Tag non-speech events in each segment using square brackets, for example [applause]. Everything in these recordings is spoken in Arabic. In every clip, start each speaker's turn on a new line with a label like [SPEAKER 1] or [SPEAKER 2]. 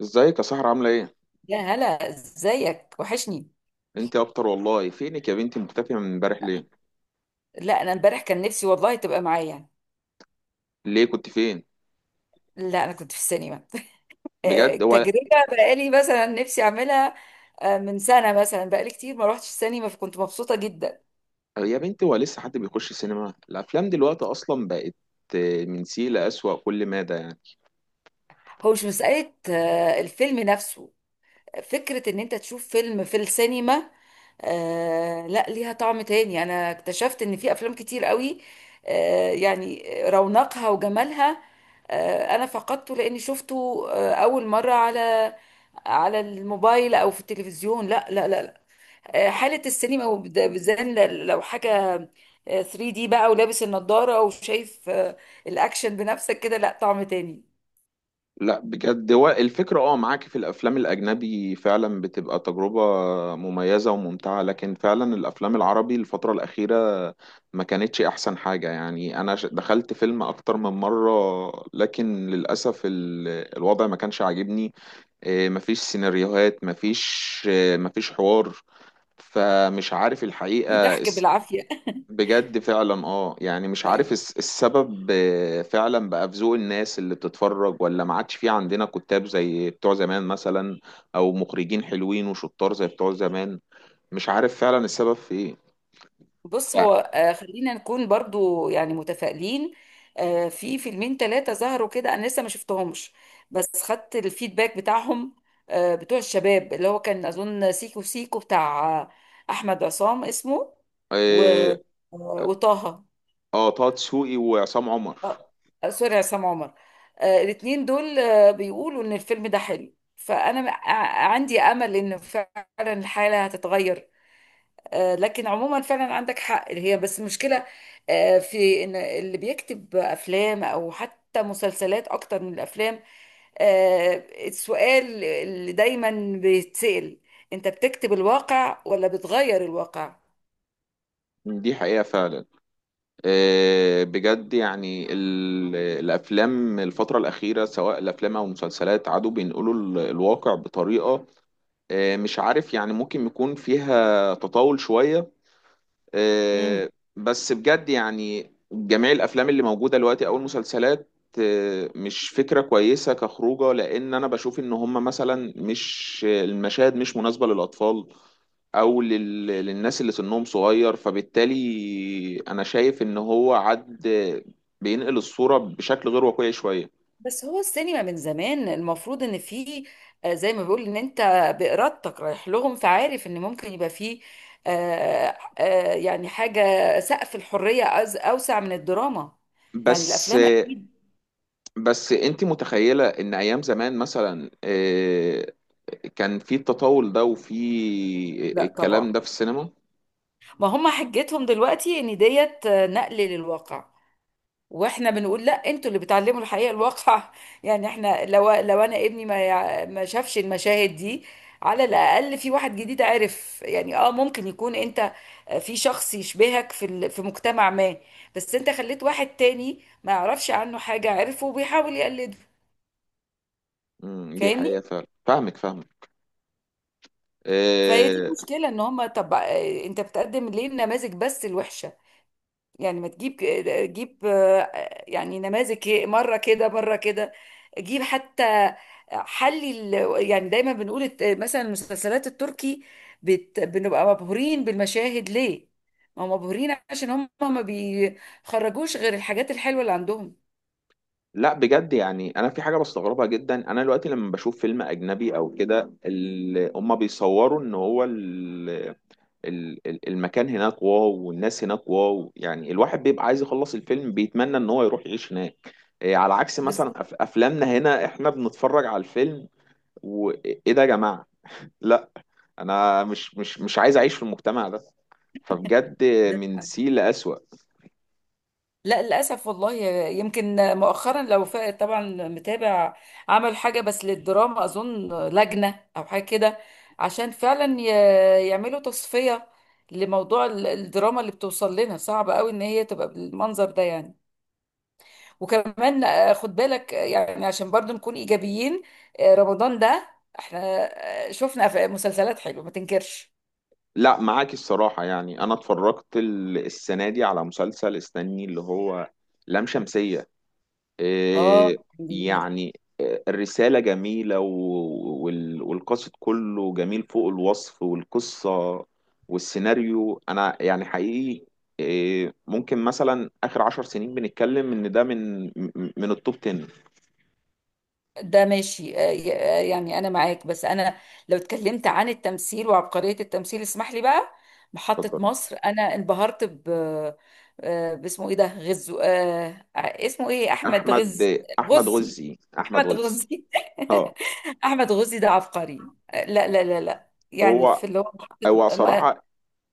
[SPEAKER 1] ازيك يا سهرة عاملة ايه؟
[SPEAKER 2] يا هلا ازيك وحشني.
[SPEAKER 1] انت اكتر والله. فينك يا بنتي مختفية من امبارح ليه؟
[SPEAKER 2] لا انا امبارح كان نفسي والله تبقى معايا يعني.
[SPEAKER 1] ليه كنت فين؟
[SPEAKER 2] لا انا كنت في السينما. [laughs]
[SPEAKER 1] بجد هو؟
[SPEAKER 2] تجربة. بقالي مثلا نفسي اعملها. من سنة مثلا بقالي كتير ما روحتش السينما فكنت مبسوطة جدا.
[SPEAKER 1] يا بنتي هو لسه حد بيخش سينما؟ الافلام دلوقتي اصلا بقت من سيء لأسوأ، كل مادة يعني.
[SPEAKER 2] هو مش مسألة الفيلم نفسه. فكرة ان انت تشوف فيلم في السينما. آه لا ليها طعم تاني. انا اكتشفت ان في افلام كتير قوي آه يعني رونقها وجمالها. آه انا فقدته لاني شفته آه اول مرة على الموبايل او في التلفزيون. لا. آه حالة السينما وبد- بالذات لو حاجة 3D دي بقى ولابس النضارة وشايف الأكشن بنفسك كده لا طعم تاني.
[SPEAKER 1] لا بجد، هو الفكرة اه، معاكي في الافلام الاجنبي فعلا بتبقى تجربة مميزة وممتعة، لكن فعلا الافلام العربي الفترة الاخيرة ما كانتش احسن حاجة يعني. انا دخلت فيلم اكتر من مرة، لكن للأسف الوضع ما كانش عاجبني. مفيش سيناريوهات، مفيش مفيش حوار، فمش عارف الحقيقة
[SPEAKER 2] في ضحك بالعافية.
[SPEAKER 1] بجد فعلا. اه يعني
[SPEAKER 2] [laughs]
[SPEAKER 1] مش عارف
[SPEAKER 2] حقيقي.
[SPEAKER 1] السبب إيه، فعلا بقى في ذوق الناس اللي بتتفرج، ولا ما عادش في عندنا كتاب زي بتوع زمان مثلا، او مخرجين حلوين وشطار زي بتوع زمان. مش عارف فعلا السبب في ايه.
[SPEAKER 2] بص
[SPEAKER 1] ف-
[SPEAKER 2] هو خلينا نكون برضو يعني متفائلين. في فيلمين ثلاثة ظهروا كده أنا لسه ما شفتهمش، بس خدت الفيدباك بتاعهم. بتوع الشباب اللي هو كان أظن سيكو سيكو بتاع أحمد عصام اسمه و...
[SPEAKER 1] إيه،
[SPEAKER 2] آه، وطه.
[SPEAKER 1] اه، طه دسوقي وعصام عمر.
[SPEAKER 2] آه، سوري عصام عمر. الاتنين دول بيقولوا إن الفيلم ده حلو فأنا عندي أمل إن فعلا الحالة هتتغير. لكن عموما فعلا عندك حق، هي بس المشكلة في ان اللي بيكتب افلام او حتى مسلسلات اكتر من الافلام. آه، السؤال اللي دايما بيتسأل، انت بتكتب الواقع ولا بتغير الواقع؟
[SPEAKER 1] دي حقيقة فعلا. بجد يعني الافلام الفتره الاخيره سواء الافلام او المسلسلات عادوا بينقلوا الواقع بطريقه مش عارف يعني، ممكن يكون فيها تطاول شويه
[SPEAKER 2] مم.
[SPEAKER 1] آه، بس بجد يعني جميع الافلام اللي موجوده دلوقتي او المسلسلات مش فكره كويسه كخروجه، لان انا بشوف ان هم مثلا مش، المشاهد مش مناسبه للاطفال او لل... للناس اللي سنهم صغير، فبالتالي انا شايف ان هو عد، بينقل الصورة بشكل غير واقعي شوية.
[SPEAKER 2] بس هو السينما من زمان المفروض ان في زي ما بيقول ان انت بإرادتك رايح لهم، فعارف ان ممكن يبقى فيه يعني حاجة، سقف الحرية اوسع من الدراما، يعني
[SPEAKER 1] بس
[SPEAKER 2] الافلام اكيد.
[SPEAKER 1] انت متخيلة ان ايام زمان مثلا كان في التطاول ده وفي
[SPEAKER 2] لا
[SPEAKER 1] الكلام
[SPEAKER 2] طبعا.
[SPEAKER 1] ده في السينما؟
[SPEAKER 2] ما هم حجتهم دلوقتي ان ديت نقل للواقع، واحنا بنقول لا، انتوا اللي بتعلموا الحقيقه الواقع. [laughs] يعني احنا لو انا ابني ما شافش المشاهد دي على الاقل في واحد جديد عرف، يعني اه ممكن يكون انت في شخص يشبهك في مجتمع ما. بس انت خليت واحد تاني ما يعرفش عنه حاجه عرفه وبيحاول يقلده.
[SPEAKER 1] مم، دي
[SPEAKER 2] فاهمني؟
[SPEAKER 1] حقيقة فعلا، فاهمك فاهمك.
[SPEAKER 2] فهي دي
[SPEAKER 1] أه.
[SPEAKER 2] المشكله، ان هم طب انت بتقدم ليه النماذج بس الوحشه؟ يعني ما تجيب، جيب يعني نماذج مره كده مره كده. جيب حتى يعني دايما بنقول مثلا المسلسلات التركي بنبقى مبهورين بالمشاهد ليه؟ ما هم مبهورين عشان هم ما بيخرجوش غير الحاجات الحلوه اللي عندهم.
[SPEAKER 1] لا بجد يعني انا في حاجة بستغربها جدا، انا دلوقتي لما بشوف فيلم اجنبي او كده هما بيصوروا ان هو المكان هناك واو، والناس هناك واو، يعني الواحد بيبقى عايز يخلص الفيلم بيتمنى ان هو يروح يعيش هناك. على عكس مثلا
[SPEAKER 2] بالظبط.
[SPEAKER 1] افلامنا هنا، احنا بنتفرج على الفيلم وايه ده يا جماعة؟ لا، انا مش عايز اعيش في المجتمع ده. فبجد،
[SPEAKER 2] ده
[SPEAKER 1] من سيء لأسوأ.
[SPEAKER 2] لا للأسف والله. يمكن مؤخرا لو طبعا متابع، عمل حاجة بس للدراما أظن لجنة أو حاجة كده عشان فعلا يعملوا تصفية لموضوع الدراما اللي بتوصل لنا، صعب قوي إن هي تبقى بالمنظر ده يعني. وكمان خد بالك يعني عشان برضو نكون إيجابيين، رمضان ده احنا شفنا مسلسلات حلوة ما تنكرش.
[SPEAKER 1] لا معاك الصراحة. يعني انا اتفرجت السنة دي على مسلسل، استني، اللي هو لام شمسية.
[SPEAKER 2] اه.
[SPEAKER 1] آه، يعني الرسالة جميلة والقصد كله جميل فوق الوصف، والقصة والسيناريو أنا يعني حقيقي ممكن مثلا آخر عشر سنين بنتكلم إن ده من من التوب 10.
[SPEAKER 2] ده ماشي يعني انا معاك، بس انا لو اتكلمت عن التمثيل وعبقرية التمثيل اسمح لي بقى، محطة
[SPEAKER 1] اتفضلي.
[SPEAKER 2] مصر انا انبهرت ب باسمه ايه ده غزو اسمه ايه احمد
[SPEAKER 1] أحمد، أحمد
[SPEAKER 2] غزي،
[SPEAKER 1] غزي، أحمد
[SPEAKER 2] احمد
[SPEAKER 1] غزي.
[SPEAKER 2] غزي.
[SPEAKER 1] أه.
[SPEAKER 2] [laughs] احمد غزي ده عبقري لا يعني
[SPEAKER 1] هو
[SPEAKER 2] في اللي هو محطة ما-
[SPEAKER 1] صراحة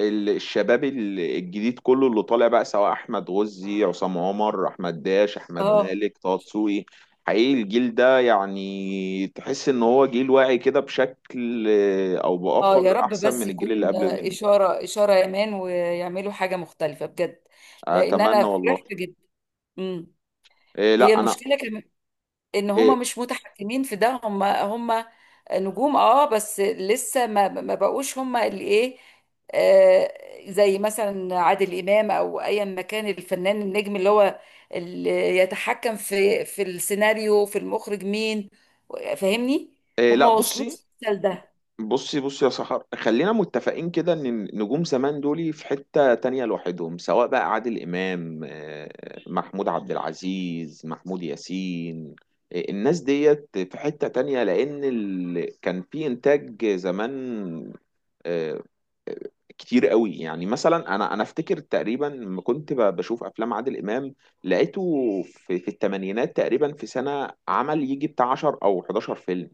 [SPEAKER 1] الشباب الجديد كله اللي طالع بقى، سواء احمد غزي، عصام عمر، احمد داش، احمد
[SPEAKER 2] اه.
[SPEAKER 1] مالك، طه دسوقي، حقيقي الجيل ده يعني تحس ان هو جيل واعي كده بشكل او
[SPEAKER 2] اه
[SPEAKER 1] باخر
[SPEAKER 2] يا رب
[SPEAKER 1] احسن
[SPEAKER 2] بس
[SPEAKER 1] من الجيل اللي
[SPEAKER 2] يكون
[SPEAKER 1] قبل منه.
[SPEAKER 2] اشارة يمان ويعملوا حاجة مختلفة بجد، لان
[SPEAKER 1] اتمنى
[SPEAKER 2] انا
[SPEAKER 1] والله.
[SPEAKER 2] فرحت جدا. هي
[SPEAKER 1] لا انا،
[SPEAKER 2] المشكلة كمان، ان
[SPEAKER 1] إيه،
[SPEAKER 2] هما مش متحكمين في ده. هما نجوم اه، بس لسه ما بقوش هما اللي ايه، آه زي مثلا عادل امام او ايا ما كان الفنان النجم اللي هو اللي يتحكم في السيناريو في المخرج مين. فاهمني؟
[SPEAKER 1] إيه لا
[SPEAKER 2] هما
[SPEAKER 1] بصي
[SPEAKER 2] وصلوش لده.
[SPEAKER 1] يا سحر. خلينا متفقين كده ان النجوم زمان دول في حتة تانية لوحدهم سواء بقى عادل امام آه، محمود عبد العزيز محمود ياسين آه، الناس ديت في حتة تانية لان ال... كان في انتاج زمان آه، كتير قوي يعني مثلا انا انا افتكر تقريبا لما كنت ب- بشوف افلام عادل امام لقيته في, في الثمانينات تقريبا في سنة عمل يجي بتاع 10 او 11 فيلم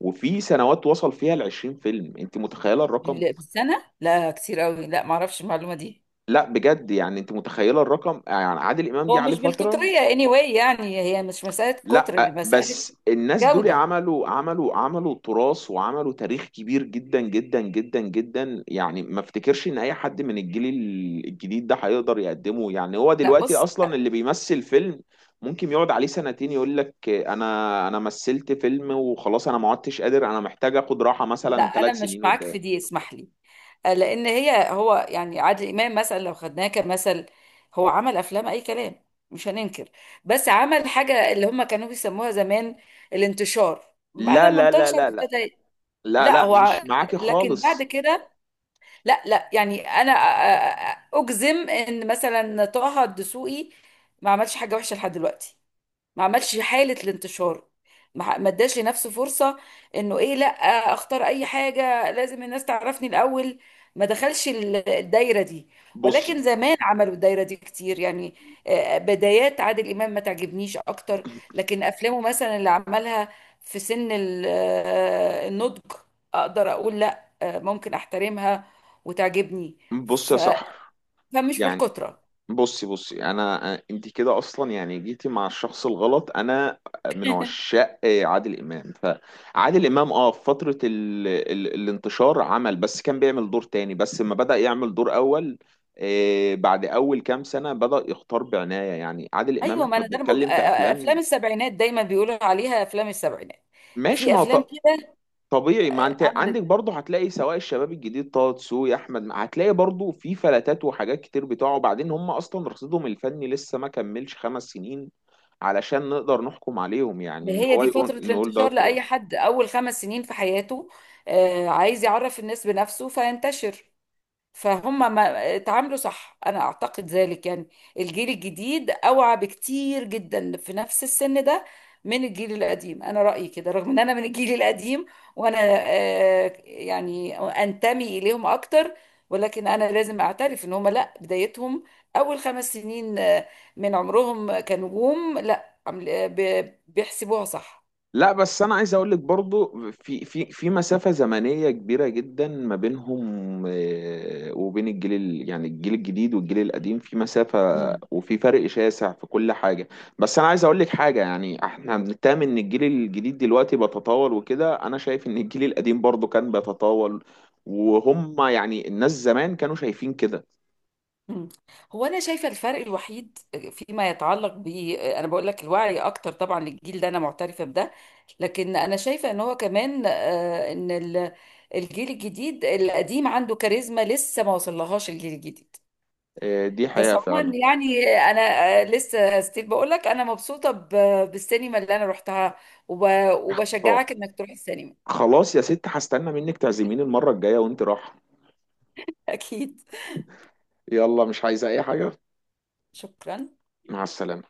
[SPEAKER 1] وفي سنوات وصل فيها ل 20 فيلم انت متخيله الرقم
[SPEAKER 2] بالسنة؟ لا كتير قوي. لا ما اعرفش المعلومة دي.
[SPEAKER 1] لا بجد يعني انت متخيله الرقم يعني عادل امام
[SPEAKER 2] هو
[SPEAKER 1] جه عليه
[SPEAKER 2] مش
[SPEAKER 1] فتره
[SPEAKER 2] بالكترية anyway، يعني هي مش مسألة كتر،
[SPEAKER 1] لا
[SPEAKER 2] مسألة
[SPEAKER 1] بس الناس دول
[SPEAKER 2] جودة.
[SPEAKER 1] عملوا عملوا عملوا تراث وعملوا تاريخ كبير جدا جدا جدا جدا يعني ما افتكرش ان اي حد من الجيل ال- الجديد ده هيقدر يقدمه يعني هو
[SPEAKER 2] لا
[SPEAKER 1] دلوقتي
[SPEAKER 2] بص،
[SPEAKER 1] اصلا اللي بيمثل فيلم ممكن يقعد عليه سنتين يقول لك انا انا مثلت فيلم وخلاص انا ما عدتش قادر انا محتاج اخد راحة
[SPEAKER 2] لا
[SPEAKER 1] مثلا
[SPEAKER 2] انا
[SPEAKER 1] ثلاث
[SPEAKER 2] مش
[SPEAKER 1] سنين
[SPEAKER 2] معاك
[SPEAKER 1] قدام
[SPEAKER 2] في دي اسمح لي. لان هي هو يعني عادل امام مثلا لو خدناه كمثل، هو عمل افلام اي كلام مش هننكر، بس عمل حاجه اللي هم كانوا بيسموها زمان الانتشار. بعد
[SPEAKER 1] لا
[SPEAKER 2] ما
[SPEAKER 1] لا لا
[SPEAKER 2] انتشر
[SPEAKER 1] لا
[SPEAKER 2] ابتدى
[SPEAKER 1] لا
[SPEAKER 2] لا
[SPEAKER 1] لا
[SPEAKER 2] هو ع-
[SPEAKER 1] مش معاكي
[SPEAKER 2] لكن بعد
[SPEAKER 1] خالص
[SPEAKER 2] كده، لا لا يعني انا اجزم ان مثلا طه الدسوقي ما عملش حاجه وحشه لحد دلوقتي. ما عملش حالة الانتشار، ما اداش لنفسه فرصة انه ايه لا، اختار اي حاجة لازم الناس تعرفني الاول. ما دخلش الدايرة دي،
[SPEAKER 1] بصي
[SPEAKER 2] ولكن زمان عملوا الدايرة دي كتير يعني. بدايات عادل امام ما تعجبنيش اكتر، لكن افلامه مثلا اللي عملها في سن النضج اقدر اقول لا ممكن احترمها وتعجبني.
[SPEAKER 1] بصي
[SPEAKER 2] ف...
[SPEAKER 1] يا سحر
[SPEAKER 2] فمش
[SPEAKER 1] يعني
[SPEAKER 2] بالكترة.
[SPEAKER 1] بصي بصي انا، انت كده اصلا يعني جيتي مع الشخص الغلط، انا من عشاق عادل امام. فعادل امام، اه، في فتره الانتشار عمل، بس كان بيعمل دور تاني، بس لما بدأ يعمل دور اول بعد اول كام سنه بدأ يختار بعنايه، يعني عادل امام
[SPEAKER 2] ايوه ما
[SPEAKER 1] احنا
[SPEAKER 2] انا ده انا بقول
[SPEAKER 1] بنتكلم في
[SPEAKER 2] افلام
[SPEAKER 1] افلام.
[SPEAKER 2] السبعينات، دايما بيقولوا عليها افلام السبعينات،
[SPEAKER 1] ماشي،
[SPEAKER 2] في
[SPEAKER 1] ما
[SPEAKER 2] افلام
[SPEAKER 1] هو
[SPEAKER 2] كده
[SPEAKER 1] طبيعي، ما انت
[SPEAKER 2] عملت.
[SPEAKER 1] عندك برضه هتلاقي، سواء الشباب الجديد طه دسوقي، احمد هتلاقي برضه في فلتات وحاجات كتير بتوعه، وبعدين هم اصلا رصيدهم الفني لسه ما كملش خمس سنين علشان نقدر نحكم عليهم. يعني ان
[SPEAKER 2] هي
[SPEAKER 1] هو
[SPEAKER 2] دي
[SPEAKER 1] يقول،
[SPEAKER 2] فتره
[SPEAKER 1] نقول ده
[SPEAKER 2] الانتشار
[SPEAKER 1] تراث؟
[SPEAKER 2] لاي حد، اول خمس سنين في حياته عايز يعرف الناس بنفسه فينتشر. فهم ما اتعاملوا صح انا اعتقد ذلك، يعني الجيل الجديد اوعى بكتير جدا في نفس السن ده من الجيل القديم، انا رأيي كده رغم ان انا من الجيل القديم وانا يعني انتمي اليهم اكتر، ولكن انا لازم اعترف ان هم لا بدايتهم اول خمس سنين من عمرهم كنجوم لا بيحسبوها صح.
[SPEAKER 1] لا بس انا عايز اقول لك برضو، في مسافة زمنية كبيرة جدا ما بينهم وبين الجيل يعني الجيل الجديد والجيل القديم في مسافة، وفي فرق شاسع في كل حاجة. بس انا عايز اقول لك حاجة، يعني احنا بنتهم ان الجيل الجديد دلوقتي بيتطاول وكده، انا شايف ان الجيل القديم برضو كان بيتطاول، وهم يعني الناس زمان كانوا شايفين كده
[SPEAKER 2] مم. هو انا شايفه الفرق الوحيد فيما يتعلق ب، انا بقول لك الوعي اكتر طبعا للجيل ده انا معترفه بده، لكن انا شايفه ان هو كمان ان الجيل الجديد القديم عنده كاريزما لسه ما وصلهاش الجيل الجديد.
[SPEAKER 1] دي
[SPEAKER 2] بس
[SPEAKER 1] حقيقة فعلا.
[SPEAKER 2] عموما يعني انا لسه ستيل بقول لك انا مبسوطه بالسينما اللي انا رحتها،
[SPEAKER 1] اه،
[SPEAKER 2] وبشجعك انك تروح السينما.
[SPEAKER 1] خلاص يا ست، هستنى منك تعزميني المرة الجاية وانت رايحة.
[SPEAKER 2] [laughs] اكيد.
[SPEAKER 1] يلا، مش عايزة اي حاجة.
[SPEAKER 2] شكرا.
[SPEAKER 1] مع السلامة.